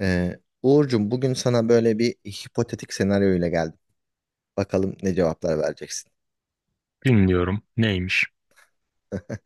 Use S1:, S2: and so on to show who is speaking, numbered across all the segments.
S1: Uğurcuğum bugün sana böyle bir hipotetik senaryo ile geldim. Bakalım ne cevaplar vereceksin.
S2: Dinliyorum. Neymiş?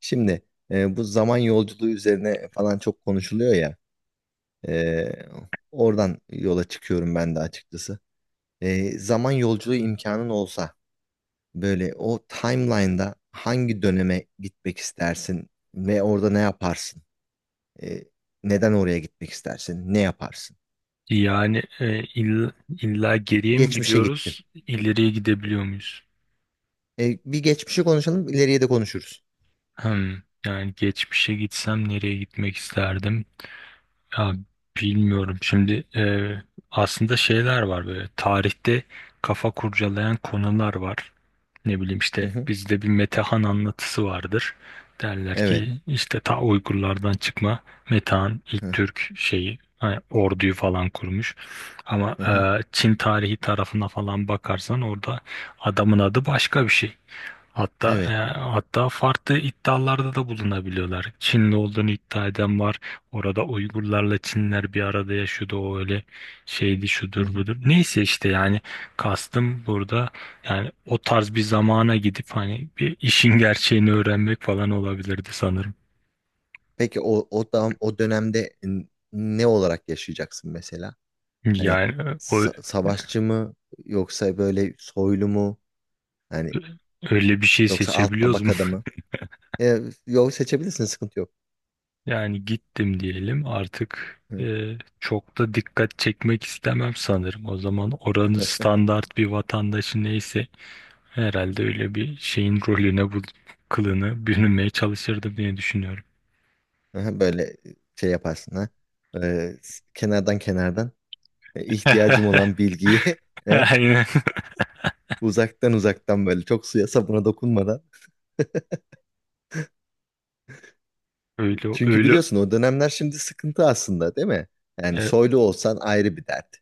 S1: Şimdi bu zaman yolculuğu üzerine falan çok konuşuluyor ya. e, Oradan yola çıkıyorum ben de açıkçası. Zaman yolculuğu imkanın olsa böyle o timeline'da hangi döneme gitmek istersin ve orada ne yaparsın? E, Neden oraya gitmek istersin? Ne yaparsın?
S2: Yani illa geriye mi
S1: Geçmişe gittin.
S2: gidiyoruz, ileriye gidebiliyor muyuz?
S1: Bir geçmişi konuşalım, ileriye de konuşuruz.
S2: Hmm, Yani geçmişe gitsem nereye gitmek isterdim? Ya bilmiyorum. Şimdi aslında şeyler var böyle. Tarihte kafa kurcalayan konular var. Ne bileyim
S1: Hı
S2: işte
S1: hı.
S2: bizde bir Metehan anlatısı vardır. Derler
S1: Evet.
S2: ki işte ta Uygurlardan çıkma Metehan ilk
S1: Hı
S2: Türk şeyi hani orduyu falan kurmuş. Ama
S1: hı. Hı.
S2: Çin tarihi tarafına falan bakarsan orada adamın adı başka bir şey. Hatta e,
S1: Evet.
S2: hatta farklı iddialarda da bulunabiliyorlar. Çinli olduğunu iddia eden var. Orada Uygurlarla Çinler bir arada yaşıyordu. O öyle şeydi,
S1: Hı
S2: şudur
S1: hı.
S2: budur. Neyse işte, yani kastım burada, yani o tarz bir zamana gidip hani bir işin gerçeğini öğrenmek falan olabilirdi sanırım.
S1: Peki o da, o dönemde ne olarak yaşayacaksın mesela? Hani
S2: Yani o
S1: savaşçı mı yoksa böyle soylu mu? Hani
S2: öyle bir şey
S1: yoksa alt
S2: seçebiliyoruz mu?
S1: tabakada mı? E, Yol seçebilirsin, sıkıntı yok.
S2: Yani gittim diyelim artık,
S1: Hı.
S2: çok da dikkat çekmek istemem sanırım. O zaman oranın standart bir vatandaşı neyse herhalde öyle bir şeyin rolüne bu kılını bürünmeye çalışırdım diye düşünüyorum.
S1: Aha, böyle şey yaparsın ha. Kenardan kenardan, ihtiyacım olan bilgiyi e,
S2: Aynen,
S1: uzaktan uzaktan, böyle çok suya sabuna dokunmadan.
S2: öyle
S1: Çünkü
S2: öyle.
S1: biliyorsun, o dönemler şimdi sıkıntı aslında, değil mi? Yani
S2: e,
S1: soylu olsan ayrı bir dert.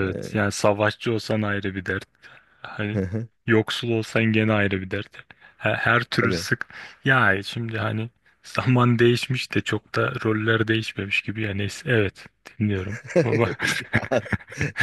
S1: E,
S2: yani savaşçı olsan ayrı bir dert.
S1: hı
S2: Hani
S1: hı,
S2: yoksul olsan gene ayrı bir dert. Her türlü
S1: tabii.
S2: sık. Ya şimdi hani zaman değişmiş de çok da roller değişmemiş gibi. Yani neyse, evet, dinliyorum. Baba.
S1: Ya,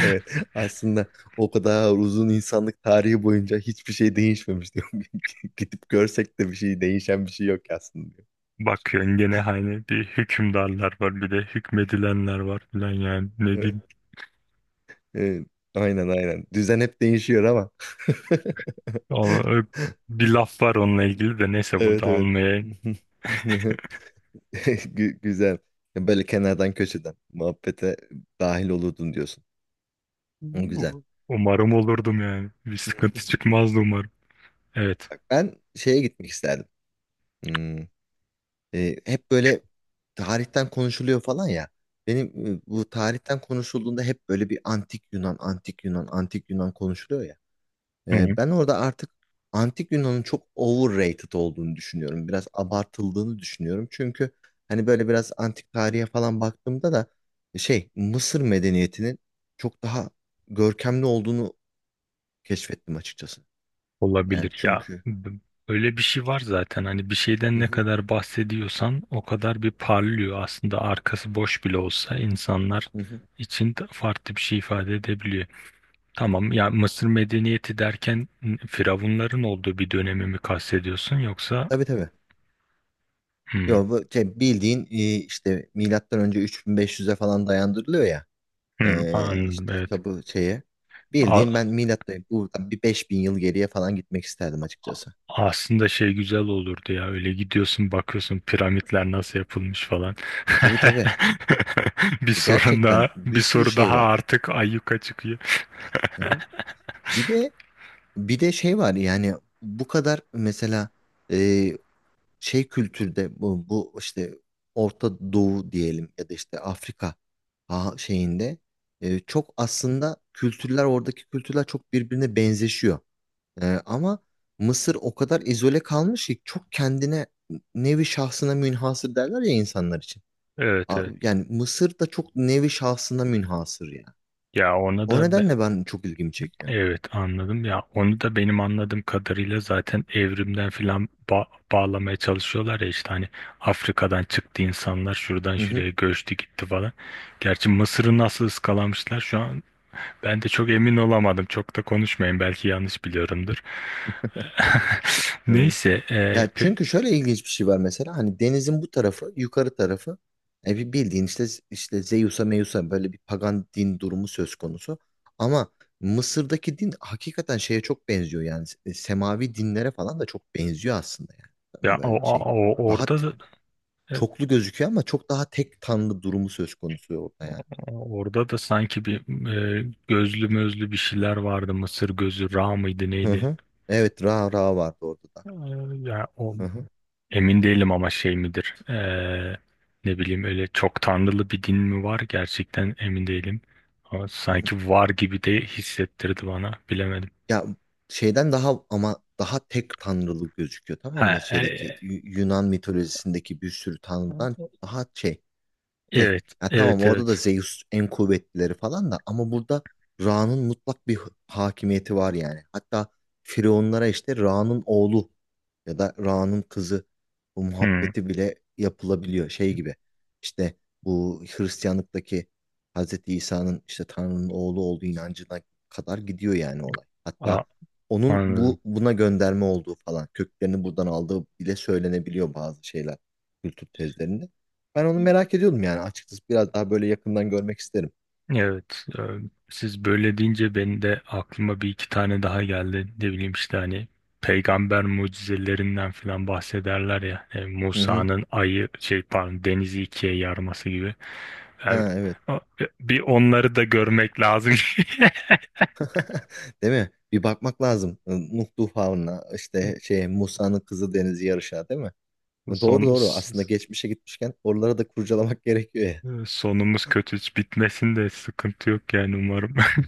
S1: evet, aslında o kadar uzun insanlık tarihi boyunca hiçbir şey değişmemiş diyorum. Gidip görsek de bir şey, değişen bir şey yok aslında
S2: Bakıyorsun gene hani bir hükümdarlar var bir de hükmedilenler var falan, yani ne diyeyim.
S1: diyor. Evet, aynen aynen. Düzen hep değişiyor ama.
S2: Ama bir laf var onunla ilgili de, neyse burada
S1: Evet evet.
S2: anmaya,
S1: Güzel. Böyle kenardan köşeden muhabbete dahil olurdun diyorsun. O güzel.
S2: umarım olurdum yani. Bir sıkıntı çıkmazdı umarım. Evet.
S1: Bak, ben şeye gitmek isterdim. Hmm, hep böyle tarihten konuşuluyor falan ya. Benim bu tarihten konuşulduğunda hep böyle bir antik Yunan, antik Yunan, antik Yunan konuşuluyor ya. Ben orada artık Antik Yunan'ın çok overrated olduğunu düşünüyorum. Biraz abartıldığını düşünüyorum. Çünkü hani böyle biraz antik tarihe falan baktığımda da şey Mısır medeniyetinin çok daha görkemli olduğunu keşfettim açıkçası. Yani
S2: Olabilir ya.
S1: çünkü.
S2: Öyle bir şey var zaten. Hani bir şeyden
S1: Hı
S2: ne
S1: hı.
S2: kadar bahsediyorsan o kadar bir parlıyor. Aslında arkası boş bile olsa insanlar
S1: Hı hı.
S2: için de farklı bir şey ifade edebiliyor. Tamam ya, Mısır medeniyeti derken firavunların olduğu bir dönemi mi kastediyorsun yoksa?
S1: Tabii tabii.
S2: Hmm,
S1: Yo, bu şey, bildiğin işte milattan önce 3500'e falan dayandırılıyor ya.
S2: hmm, anladım,
S1: İşte
S2: evet.
S1: tabu şeye.
S2: A-
S1: Bildiğin, ben milattan buradan bir 5000 yıl geriye falan gitmek isterdim açıkçası.
S2: Aslında şey güzel olurdu ya, öyle gidiyorsun bakıyorsun piramitler nasıl yapılmış falan.
S1: Tabii tabii.
S2: Bir sorun daha,
S1: Gerçekten
S2: bir
S1: bir sürü
S2: soru
S1: şey
S2: daha
S1: var.
S2: artık ayyuka çıkıyor.
S1: Hı hı. Bir de bir de şey var yani, bu kadar mesela e, şey kültürde, bu işte Orta Doğu diyelim ya da işte Afrika şeyinde, çok aslında kültürler, oradaki kültürler çok birbirine benzeşiyor. Ama Mısır o kadar izole kalmış ki, çok kendine nevi şahsına münhasır derler ya insanlar için.
S2: Evet, evet.
S1: Yani Mısır da çok nevi şahsına münhasır yani.
S2: Ya ona
S1: O
S2: da
S1: nedenle ben çok ilgimi çekiyor.
S2: evet, anladım ya, onu da benim anladığım kadarıyla zaten evrimden filan bağlamaya çalışıyorlar ya, işte hani Afrika'dan çıktı insanlar, şuradan
S1: Hı hı.
S2: şuraya göçtü gitti falan. Gerçi Mısır'ı nasıl ıskalamışlar şu an ben de çok emin olamadım. Çok da konuşmayın, belki yanlış biliyorumdur.
S1: Evet.
S2: Neyse,
S1: Ya çünkü şöyle ilginç bir şey var mesela, hani denizin bu tarafı, yukarı tarafı, bir bildiğin işte Zeus'a Meus'a böyle bir pagan din durumu söz konusu. Ama Mısır'daki din hakikaten şeye çok benziyor yani, semavi dinlere falan da çok benziyor aslında yani.
S2: ya
S1: Tam
S2: o,
S1: böyle şey, daha
S2: orada da e,
S1: çoklu gözüküyor ama çok daha tek tanrı durumu söz konusu orada yani.
S2: orada da sanki bir gözlü mözlü bir şeyler vardı. Mısır gözü Ra mıydı
S1: Hı
S2: neydi?
S1: hı. Evet, Ra vardı orada da.
S2: E, Ya o
S1: Hı
S2: emin değilim ama, şey midir? Ne bileyim, öyle çok tanrılı bir din mi var? Gerçekten emin değilim. Ama
S1: hı.
S2: sanki var gibi de hissettirdi bana. Bilemedim.
S1: Ya şeyden daha, ama daha tek tanrılı gözüküyor, tamam
S2: Ha,
S1: mı? Şeydeki Yunan mitolojisindeki bir sürü tanrıdan daha şey, tek.
S2: evet,
S1: Ya tamam,
S2: evet,
S1: orada da
S2: evet.
S1: Zeus en kuvvetlileri falan da, ama burada Ra'nın mutlak bir hakimiyeti var yani. Hatta Firavunlara işte Ra'nın oğlu ya da Ra'nın kızı, bu
S2: Hmm,
S1: muhabbeti bile yapılabiliyor, şey gibi. İşte bu Hristiyanlıktaki Hazreti İsa'nın işte Tanrı'nın oğlu olduğu inancına kadar gidiyor yani olay. Hatta
S2: a-
S1: onun
S2: anladım.
S1: bu, buna gönderme olduğu falan, köklerini buradan aldığı bile söylenebiliyor bazı şeyler kültür tezlerinde. Ben onu merak ediyordum yani açıkçası. Biraz daha böyle yakından görmek isterim.
S2: Evet, siz böyle deyince benim de aklıma bir iki tane daha geldi. Ne bileyim işte, hani peygamber mucizelerinden falan bahsederler ya.
S1: Hı hı.
S2: Musa'nın ayı, şey pardon, denizi ikiye yarması gibi. Yani,
S1: Ha, evet.
S2: a- bir onları da görmek lazım.
S1: Değil mi? Bir bakmak lazım. Nuh Tufanı'na işte şey Musa'nın kızı Deniz'i yarışa, değil mi? Doğru
S2: Son,
S1: doğru. Aslında geçmişe gitmişken oraları da kurcalamak gerekiyor ya.
S2: sonumuz kötü hiç bitmesin de sıkıntı yok yani, umarım.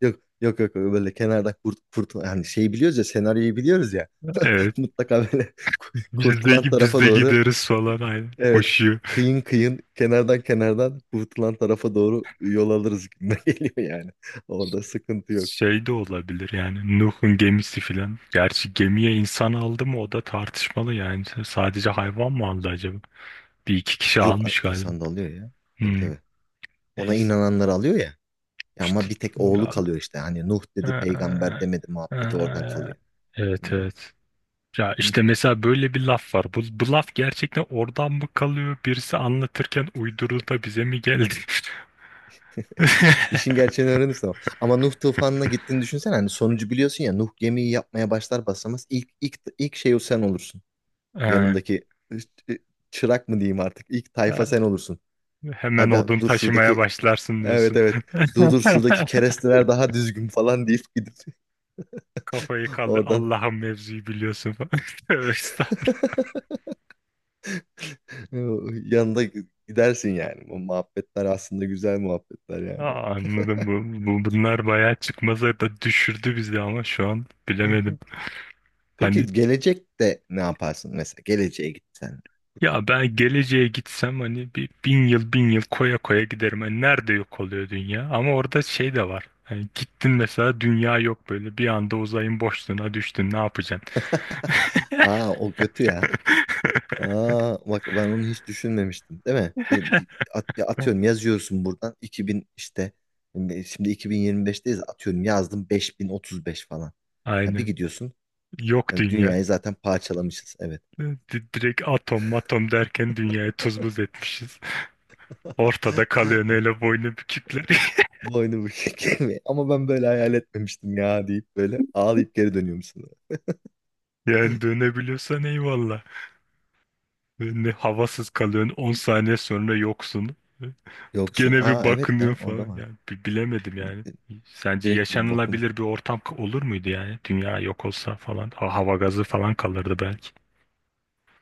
S1: Yok yok yok, böyle kenarda kurt, kurt yani, şeyi biliyoruz ya, senaryoyu biliyoruz ya.
S2: Evet.
S1: Mutlaka böyle
S2: Biz
S1: kurtulan
S2: de, biz
S1: tarafa
S2: de
S1: doğru,
S2: gideriz falan, aynen.
S1: evet,
S2: Koşuyor.
S1: kıyın kıyın kenardan kenardan kurtulan tarafa doğru yol alırız gibi geliyor yani. Orada sıkıntı yok.
S2: Şey de olabilir yani, Nuh'un gemisi filan. Gerçi gemiye insan aldı mı, o da tartışmalı yani. Sadece hayvan mı aldı acaba? Bir iki kişi
S1: Yok,
S2: almış galiba.
S1: insan da alıyor ya. Tabii
S2: Hmm,
S1: tabii. Ona
S2: Neyse.
S1: inananlar alıyor ya. Ya,
S2: İşte,
S1: ama bir tek oğlu
S2: ya,
S1: kalıyor işte. Hani Nuh dedi,
S2: ee,
S1: peygamber demedi
S2: ee,
S1: muhabbeti oradan kalıyor. Hı
S2: evet, evet. Ya
S1: hı.
S2: işte mesela böyle bir laf var. Bu laf gerçekten oradan mı kalıyor? Birisi anlatırken uydurdu da bize mi geldi?
S1: İşin gerçeğini öğrenirsin ama. Ama Nuh tufanına gittiğini düşünsene. Hani sonucu biliyorsun ya. Nuh gemiyi yapmaya başlar basamaz, ilk şey o sen olursun.
S2: Ee,
S1: Yanındaki ç- çırak mı diyeyim artık. İlk
S2: ee,
S1: tayfa sen olursun.
S2: Hemen
S1: Aga
S2: odun
S1: dur,
S2: taşımaya
S1: şuradaki,
S2: başlarsın
S1: evet
S2: diyorsun.
S1: evet. Dur dur, şuradaki keresteler daha düzgün falan deyip gidip
S2: Kafayı kaldı
S1: oradan.
S2: Allah'ın, mevzuyu biliyorsun falan. Tövbe estağfurullah.
S1: E, Yanında gidersin yani. Bu muhabbetler aslında güzel muhabbetler yani.
S2: Aa, anladım, bu, bu bunlar bayağı çıkmazlar da düşürdü bizi ama şu an
S1: Hı
S2: bilemedim.
S1: hı. Peki
S2: Hani
S1: gelecekte ne yaparsın mesela? Geleceğe gitsen.
S2: ya, ben geleceğe gitsem hani bir, 1000 yıl 1000 yıl koya koya giderim. Hani nerede yok oluyor dünya? Ama orada şey de var. Hani gittin mesela, dünya yok, böyle bir anda uzayın boşluğuna düştün, ne yapacaksın?
S1: Aa, o kötü ya. Aa, bak ben onu hiç düşünmemiştim, değil mi? Ya atıyorum, yazıyorsun buradan 2000 işte, şimdi 2025'teyiz, atıyorum yazdım 5035 falan. Ya bir
S2: Aynen.
S1: gidiyorsun,
S2: Yok
S1: yani
S2: dünya.
S1: dünyayı zaten parçalamışız, evet.
S2: Direkt atom matom derken dünyayı tuz buz etmişiz. Ortada kalıyorsun hele, boynu bükükler.
S1: Boynu bükük mi? Ama ben böyle hayal etmemiştim ya deyip böyle ağlayıp geri dönüyorum sana.
S2: Yani dönebiliyorsan eyvallah. Ne havasız kalıyorsun, 10 saniye sonra yoksun.
S1: Yoksun.
S2: Gene bir
S1: Aa, evet
S2: bakınıyor
S1: ya, o
S2: falan.
S1: da var.
S2: Yani bilemedim yani. Sence
S1: Direkt bir bakım.
S2: yaşanılabilir bir ortam olur muydu yani? Dünya yok olsa falan. Hava gazı falan kalırdı belki.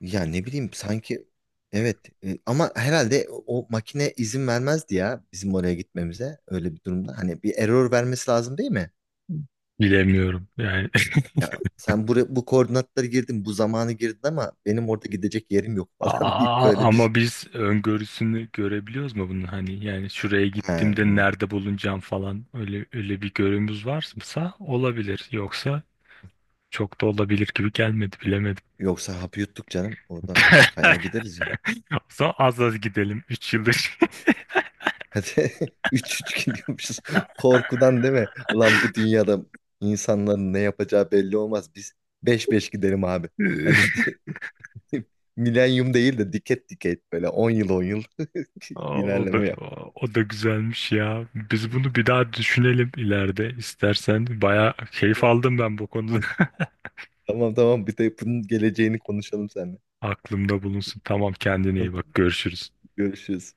S1: Ya ne bileyim sanki, evet, ama herhalde o makine izin vermezdi ya bizim oraya gitmemize öyle bir durumda. Hani bir error vermesi lazım değil mi?
S2: Bilemiyorum yani.
S1: Ya sen buraya, bu koordinatları girdin, bu zamanı girdin ama benim orada gidecek yerim yok falan deyip
S2: Aa,
S1: böyle bir,
S2: ama
S1: şey.
S2: biz öngörüsünü görebiliyoruz mu bunun, hani yani şuraya
S1: Ha,
S2: gittiğimde
S1: evet.
S2: nerede bulunacağım falan, öyle öyle bir görümüz varsa olabilir, yoksa çok da olabilir gibi gelmedi, bilemedim.
S1: Yoksa hapı yuttuk canım, orada kayar gideriz ya.
S2: O zaman az az gidelim, 3 yıldır.
S1: Hadi üç üç gidiyormuşuz. Korkudan değil mi? Ulan bu dünyada insanların ne yapacağı belli olmaz. Biz beş beş gidelim abi. Hani milenyum değil de diket diket, böyle 10 yıl 10 yıl
S2: O da,
S1: ilerleme yap.
S2: o da güzelmiş ya. Biz bunu bir daha düşünelim ileride istersen. Bayağı keyif aldım ben bu konuda.
S1: Tamam tamam, bir de bunun geleceğini konuşalım seninle.
S2: Aklımda bulunsun. Tamam, kendine iyi bak. Görüşürüz.
S1: Görüşürüz.